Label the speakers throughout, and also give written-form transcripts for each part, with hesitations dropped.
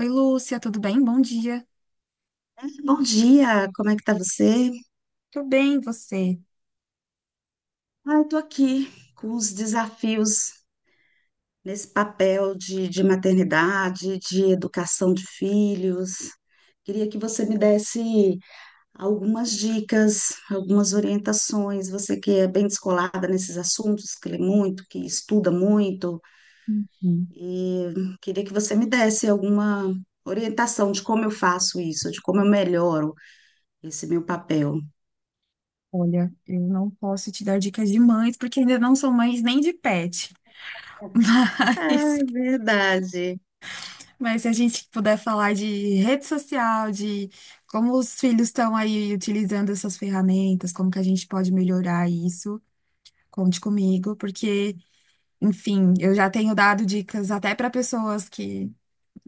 Speaker 1: Oi, Lúcia, tudo bem? Bom dia.
Speaker 2: Bom dia, como é que tá você?
Speaker 1: Tudo bem, você?
Speaker 2: Ah, eu tô aqui com os desafios nesse papel de maternidade, de educação de filhos. Queria que você me desse algumas dicas, algumas orientações. Você que é bem descolada nesses assuntos, que lê muito, que estuda muito,
Speaker 1: Hum.
Speaker 2: e queria que você me desse alguma orientação de como eu faço isso, de como eu melhoro esse meu papel.
Speaker 1: Olha, eu não posso te dar dicas de mães, porque ainda não sou mãe nem de pet.
Speaker 2: Ah,
Speaker 1: Mas,
Speaker 2: é verdade.
Speaker 1: mas se a gente puder falar de rede social, de como os filhos estão aí utilizando essas ferramentas, como que a gente pode melhorar isso, conte comigo, porque, enfim, eu já tenho dado dicas até para pessoas que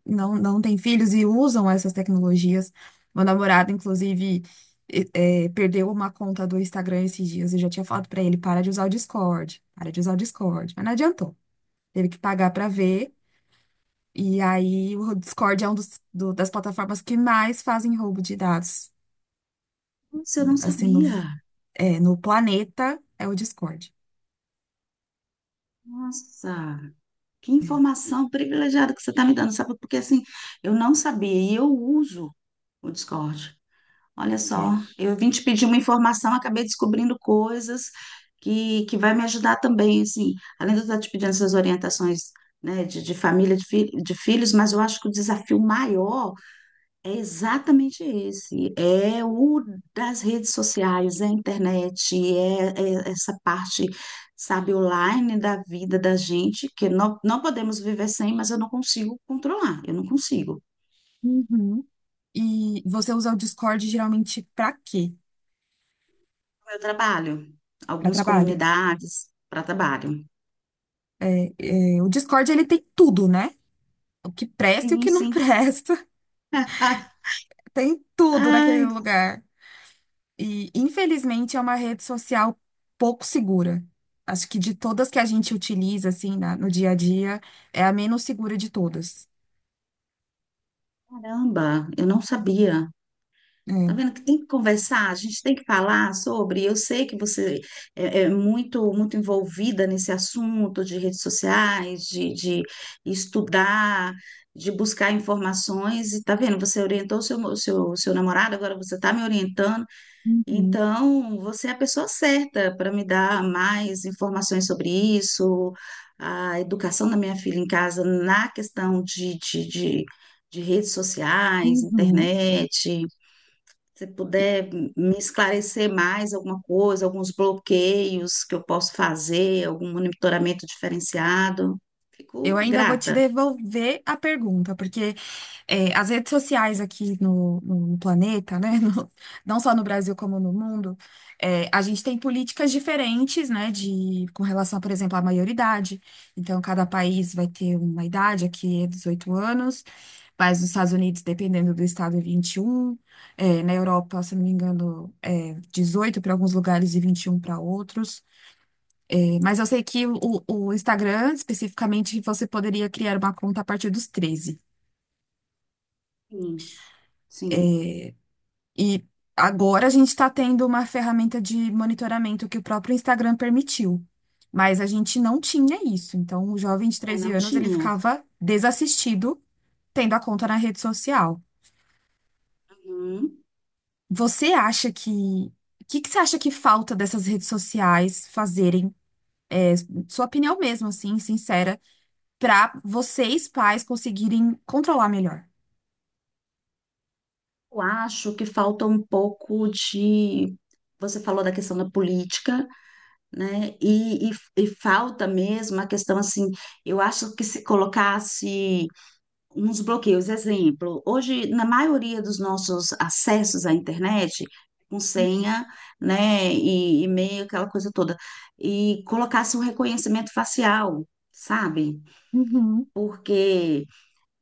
Speaker 1: não têm filhos e usam essas tecnologias. Meu namorado, inclusive, perdeu uma conta do Instagram esses dias. Eu já tinha falado pra ele, para de usar o Discord, para de usar o Discord. Mas não adiantou. Teve que pagar pra ver. E aí o Discord é um dos, das plataformas que mais fazem roubo de dados,
Speaker 2: Nossa, eu não
Speaker 1: assim,
Speaker 2: sabia.
Speaker 1: no planeta, é o Discord.
Speaker 2: Nossa, que
Speaker 1: É.
Speaker 2: informação privilegiada que você está me dando, sabe? Porque assim, eu não sabia e eu uso o Discord. Olha
Speaker 1: É.
Speaker 2: só, eu vim te pedir uma informação, acabei descobrindo coisas que vai me ajudar também, assim. Além de eu estar te pedindo essas orientações, né, de família, de filhos, mas eu acho que o desafio maior é exatamente esse. É o das redes sociais, é a internet, é essa parte, sabe, online da vida da gente, que não podemos viver sem, mas eu não consigo controlar, eu não consigo.
Speaker 1: Uhum. E você usa o Discord geralmente pra quê?
Speaker 2: Meu trabalho,
Speaker 1: Pra
Speaker 2: algumas
Speaker 1: trabalho.
Speaker 2: comunidades para trabalho.
Speaker 1: É, o Discord, ele tem tudo, né? O que presta e o
Speaker 2: Sim,
Speaker 1: que não
Speaker 2: sim.
Speaker 1: presta. Tem tudo naquele
Speaker 2: Ai,
Speaker 1: lugar. E, infelizmente, é uma rede social pouco segura. Acho que de todas que a gente utiliza, assim, no dia a dia, é a menos segura de todas.
Speaker 2: caramba, eu não sabia. Tá
Speaker 1: É.
Speaker 2: vendo que tem que conversar, a gente tem que falar sobre. Eu sei que você é muito muito envolvida nesse assunto de redes sociais, de estudar, de buscar informações. E tá vendo? Você orientou o seu, o seu, o seu namorado, agora você está me orientando.
Speaker 1: Uhum,
Speaker 2: Então, você é a pessoa certa para me dar mais informações sobre isso. A educação da minha filha em casa na questão de redes sociais,
Speaker 1: uhum.
Speaker 2: internet. Se puder me esclarecer mais alguma coisa, alguns bloqueios que eu posso fazer, algum monitoramento diferenciado,
Speaker 1: Eu
Speaker 2: fico
Speaker 1: ainda vou te
Speaker 2: grata.
Speaker 1: devolver a pergunta, porque é, as redes sociais aqui no planeta, né? Não só no Brasil como no mundo, é, a gente tem políticas diferentes, né? De, com relação, por exemplo, à maioridade. Então, cada país vai ter uma idade, aqui é 18 anos, mas nos Estados Unidos, dependendo do estado, é 21. É, na Europa, se não me engano, é 18 para alguns lugares e 21 para outros. Mas eu sei que o Instagram, especificamente, você poderia criar uma conta a partir dos 13.
Speaker 2: Sim, sim.
Speaker 1: E agora a gente está tendo uma ferramenta de monitoramento que o próprio Instagram permitiu. Mas a gente não tinha isso. Então, o jovem de
Speaker 2: É,
Speaker 1: 13
Speaker 2: não
Speaker 1: anos, ele
Speaker 2: tinha.
Speaker 1: ficava desassistido tendo a conta na rede social.
Speaker 2: Uhum.
Speaker 1: Você acha que... O que que você acha que falta dessas redes sociais fazerem, é, sua opinião mesmo, assim, sincera, para vocês, pais, conseguirem controlar melhor.
Speaker 2: Eu acho que falta um pouco de. Você falou da questão da política, né? E falta mesmo a questão assim. Eu acho que se colocasse uns bloqueios. Exemplo, hoje, na maioria dos nossos acessos à internet, com senha, né, e e-mail, aquela coisa toda, e colocasse um reconhecimento facial, sabe?
Speaker 1: Uhum.
Speaker 2: Porque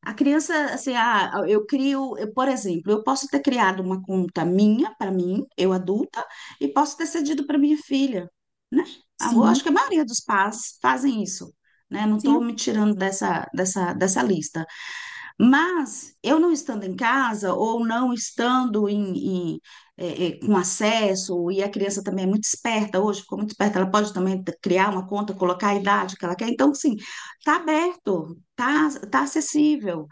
Speaker 2: a criança, assim, ah, eu crio, eu, por exemplo, eu posso ter criado uma conta minha, para mim, eu adulta, e posso ter cedido para minha filha, né? Ah, eu acho que a
Speaker 1: Sim,
Speaker 2: maioria dos pais fazem isso. Né? Não estou me
Speaker 1: sim.
Speaker 2: tirando dessa, dessa lista. Mas eu não estando em casa ou não estando em, com acesso, e a criança também é muito esperta hoje, ficou muito esperta, ela pode também criar uma conta, colocar a idade que ela quer. Então, sim, está aberto, está acessível.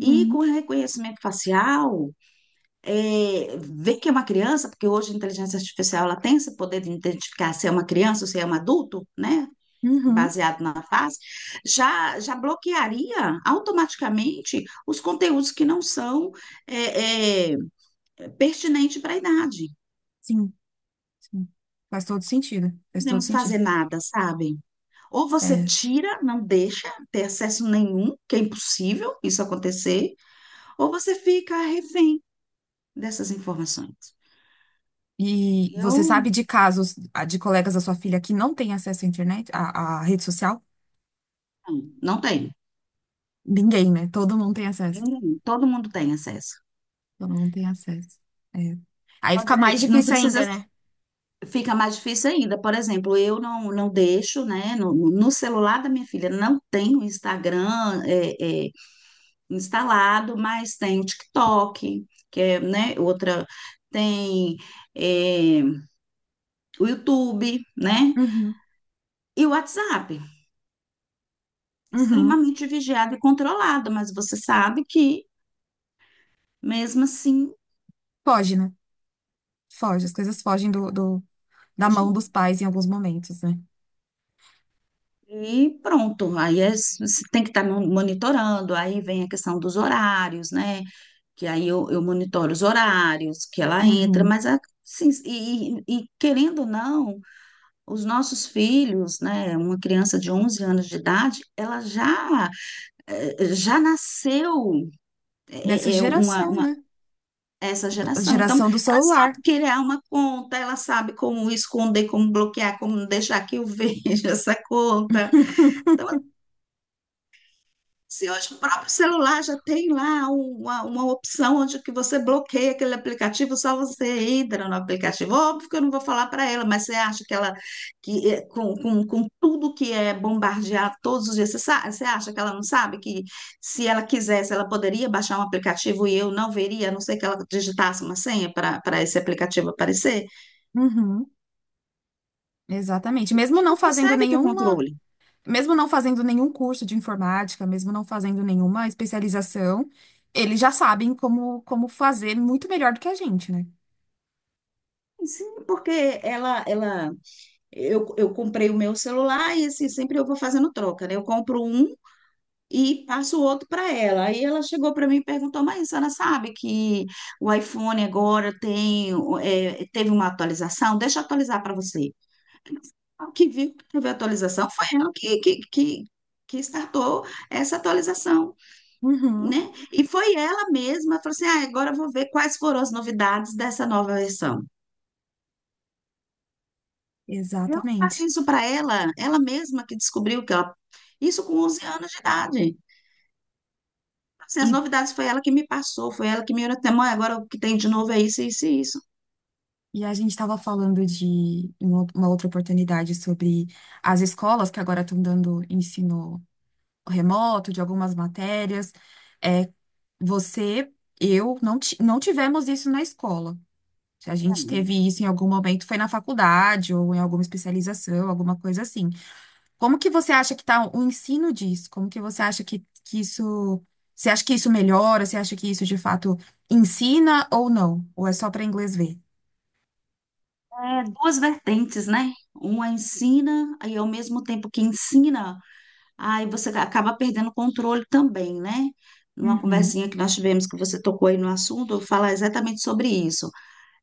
Speaker 2: E com reconhecimento facial, ver que é uma criança, porque hoje a inteligência artificial ela tem esse poder de identificar se é uma criança ou se é um adulto, né?
Speaker 1: uhum.
Speaker 2: Baseado na fase, já, já bloquearia automaticamente os conteúdos que não são é, é, pertinentes para a idade.
Speaker 1: sim, sim. Faz todo sentido,
Speaker 2: Não
Speaker 1: faz todo
Speaker 2: podemos
Speaker 1: sentido.
Speaker 2: fazer nada, sabe? Ou você
Speaker 1: É,
Speaker 2: tira, não deixa ter acesso nenhum, que é impossível isso acontecer, ou você fica refém dessas informações.
Speaker 1: e você
Speaker 2: Eu
Speaker 1: sabe de casos ah, de colegas da sua filha que não têm acesso à internet, à, à rede social?
Speaker 2: não tenho.
Speaker 1: Ninguém, né? Todo mundo tem acesso.
Speaker 2: Todo mundo tem acesso.
Speaker 1: Todo mundo tem acesso. É. Aí fica mais
Speaker 2: Não
Speaker 1: difícil
Speaker 2: precisa.
Speaker 1: ainda, né?
Speaker 2: Fica mais difícil ainda. Por exemplo, eu não deixo, né? No celular da minha filha não tem o Instagram é, é, instalado, mas tem o TikTok, que é, né, outra. Tem é, o YouTube, né?
Speaker 1: Uhum,
Speaker 2: E o WhatsApp.
Speaker 1: uhum.
Speaker 2: Extremamente vigiado e controlado, mas você sabe que, mesmo assim,
Speaker 1: Foge, né? Foge. As coisas fogem do, da mão
Speaker 2: hoje,
Speaker 1: dos pais em alguns momentos, né?
Speaker 2: e pronto, aí você tem que estar monitorando, aí vem a questão dos horários, né? Que aí eu monitoro os horários que ela entra,
Speaker 1: Uhum.
Speaker 2: mas assim, e querendo ou não, os nossos filhos, né, uma criança de 11 anos de idade, ela já já nasceu
Speaker 1: Nessa
Speaker 2: é, é uma,
Speaker 1: geração, né?
Speaker 2: essa
Speaker 1: A
Speaker 2: geração, então
Speaker 1: geração do
Speaker 2: ela
Speaker 1: celular.
Speaker 2: sabe criar uma conta, ela sabe como esconder, como bloquear, como não deixar que eu veja essa conta. Então, sim, hoje o próprio celular já tem lá uma opção onde que você bloqueia aquele aplicativo, só você entra no aplicativo. Óbvio que eu não vou falar para ela, mas você acha que ela, que é, com tudo que é bombardeado todos os dias, você, você acha que ela não sabe que se ela quisesse, ela poderia baixar um aplicativo e eu não veria, a não ser que ela digitasse uma senha para para esse aplicativo aparecer?
Speaker 1: Uhum. Exatamente.
Speaker 2: A gente não consegue ter controle.
Speaker 1: Mesmo não fazendo nenhum curso de informática, mesmo não fazendo nenhuma especialização, eles já sabem como, como fazer muito melhor do que a gente, né?
Speaker 2: Sim, porque ela eu comprei o meu celular e assim, sempre eu vou fazendo troca, né? Eu compro um e passo o outro para ela. Aí ela chegou para mim e perguntou: Mas Ana sabe que o iPhone agora tem, é, teve uma atualização? Deixa eu atualizar para você. O que viu que teve atualização foi ela que startou essa atualização,
Speaker 1: Uhum,
Speaker 2: né? E foi ela mesma, falou assim: ah, agora eu vou ver quais foram as novidades dessa nova versão. Eu não passei
Speaker 1: exatamente.
Speaker 2: isso para ela, ela mesma que descobriu que ela. Isso com 11 anos de idade. Assim, as
Speaker 1: E,
Speaker 2: novidades foi ela que me passou, foi ela que me olhou até Mãe, agora o que tem de novo é isso, isso e isso.
Speaker 1: e a gente estava falando de, uma outra oportunidade, sobre as escolas que agora estão dando ensino remoto de algumas matérias. É, você, eu, não, ti- não tivemos isso na escola. A gente teve isso em algum momento, foi na faculdade ou em alguma especialização, alguma coisa assim. Como que você acha que está o ensino disso? Como que você acha que isso. Você acha que isso melhora? Você acha que isso de fato ensina ou não? Ou é só para inglês ver?
Speaker 2: É, duas vertentes, né? Uma ensina, e ao mesmo tempo que ensina, aí você acaba perdendo o controle também, né? Numa
Speaker 1: Uhum,
Speaker 2: conversinha que nós tivemos, que você tocou aí no assunto, eu falo exatamente sobre isso.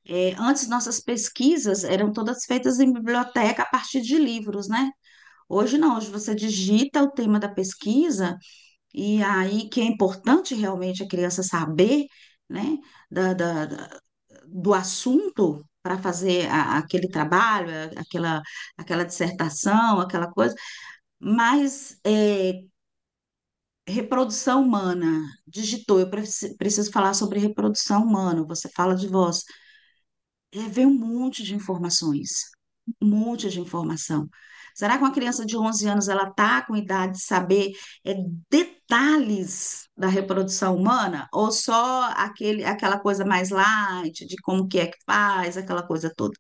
Speaker 2: É, antes, nossas pesquisas eram todas feitas em biblioteca a partir de livros, né? Hoje não, hoje você digita o tema da pesquisa e aí que é importante realmente a criança saber, né, da, da- da- do assunto para fazer aquele trabalho, aquela, aquela dissertação, aquela coisa, mas é, reprodução humana, digitou, eu preciso falar sobre reprodução humana, você fala de voz. É, vem um monte de informações, um monte de informação. Será que uma criança de 11 anos ela está com idade de saber é, detalhes da reprodução humana ou só aquele, aquela coisa mais light de como que é que faz, aquela coisa toda,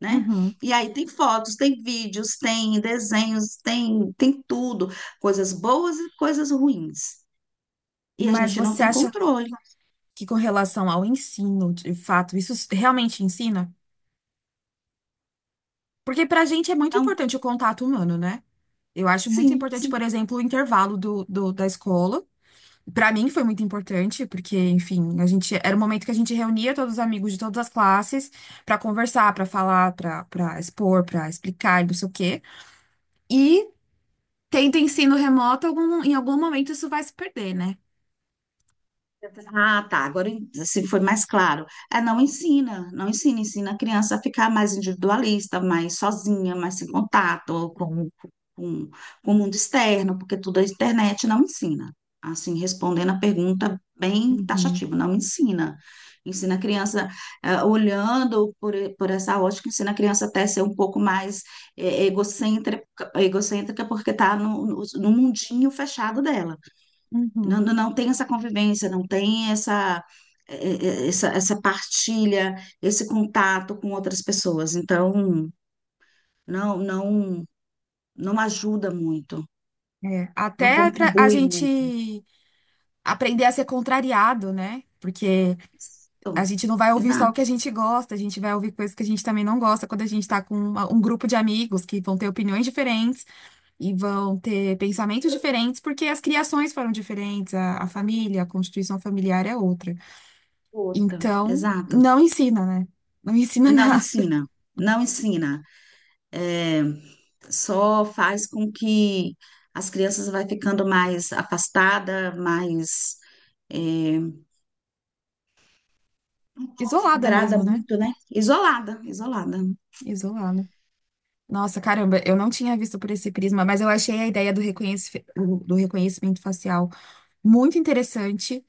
Speaker 2: né?
Speaker 1: uhum.
Speaker 2: E aí tem fotos, tem vídeos, tem desenhos, tem tudo, coisas boas e coisas ruins. E a
Speaker 1: Mas
Speaker 2: gente não
Speaker 1: você
Speaker 2: tem
Speaker 1: acha
Speaker 2: controle.
Speaker 1: que com relação ao ensino, de fato, isso realmente ensina? Porque para a gente é muito
Speaker 2: Então,
Speaker 1: importante o contato humano, né? Eu acho muito
Speaker 2: sim,
Speaker 1: importante, por
Speaker 2: sim.
Speaker 1: exemplo, o intervalo do, da escola. Pra mim foi muito importante, porque, enfim, a gente era o momento que a gente reunia todos os amigos de todas as classes pra conversar, pra falar, pra para expor, pra explicar, e não sei o quê. E tendo ensino remoto, em algum momento isso vai se perder, né?
Speaker 2: Ah, tá. Agora assim foi mais claro. É, não ensina, não ensina, ensina a criança a ficar mais individualista, mais sozinha, mais sem contato com, com o mundo externo, porque tudo a internet não ensina. Assim, respondendo a pergunta bem
Speaker 1: Uhum,
Speaker 2: taxativa, não ensina. Ensina a criança, olhando por, por essa ótica, ensina a criança até ser um pouco mais egocêntrica, egocêntrica porque está no no mundinho fechado dela. Não,
Speaker 1: uhum.
Speaker 2: não não tem essa convivência, não tem essa, essa, essa partilha, esse contato com outras pessoas. Então, não, não, não ajuda muito,
Speaker 1: É,
Speaker 2: não
Speaker 1: até pra a
Speaker 2: contribui muito.
Speaker 1: gente aprender a ser contrariado, né? Porque a
Speaker 2: Exato,
Speaker 1: gente não vai ouvir só o que
Speaker 2: exato.
Speaker 1: a gente gosta, a gente vai ouvir coisas que a gente também não gosta quando a gente tá com um grupo de amigos que vão ter opiniões diferentes. E vão ter pensamentos diferentes, porque as criações foram diferentes, a família, a constituição familiar é outra.
Speaker 2: Outra,
Speaker 1: Então,
Speaker 2: exato.
Speaker 1: não ensina, né? Não ensina
Speaker 2: Não
Speaker 1: nada.
Speaker 2: ensina, não ensina. Eh, só faz com que as crianças vai ficando mais afastada, mais, eh, um pouco
Speaker 1: Isolada
Speaker 2: vidrada
Speaker 1: mesmo, né?
Speaker 2: muito, né? Isolada, isolada.
Speaker 1: Isolada. Nossa, caramba, eu não tinha visto por esse prisma, mas eu achei a ideia do do reconhecimento facial muito interessante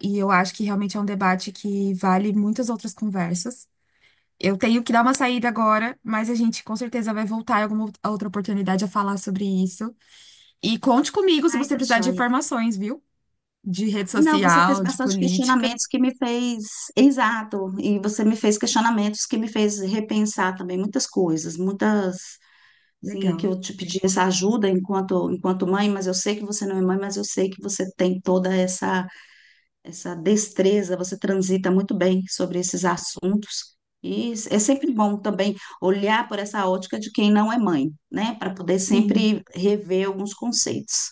Speaker 1: e eu acho que realmente é um debate que vale muitas outras conversas. Eu tenho que dar uma saída agora, mas a gente com certeza vai voltar em alguma outra oportunidade a falar sobre isso. E conte comigo se
Speaker 2: Ai,
Speaker 1: você
Speaker 2: tá
Speaker 1: precisar de
Speaker 2: joia.
Speaker 1: informações, viu? De rede
Speaker 2: Ah, não, você fez
Speaker 1: social, de
Speaker 2: bastante
Speaker 1: política.
Speaker 2: questionamentos que me fez, exato, e você me fez questionamentos que me fez repensar também muitas coisas, muitas, sim, que
Speaker 1: Legal.
Speaker 2: eu te pedi essa ajuda enquanto mãe, mas eu sei que você não é mãe, mas eu sei que você tem toda essa destreza, você transita muito bem sobre esses assuntos. E é sempre bom também olhar por essa ótica de quem não é mãe, né, para poder
Speaker 1: Sim,
Speaker 2: sempre rever alguns conceitos.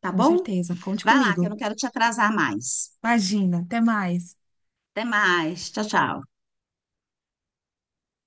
Speaker 2: Tá
Speaker 1: com
Speaker 2: bom?
Speaker 1: certeza. Conte
Speaker 2: Vai lá, que eu
Speaker 1: comigo.
Speaker 2: não quero te atrasar mais.
Speaker 1: Imagina. Até mais.
Speaker 2: Até mais. Tchau, tchau.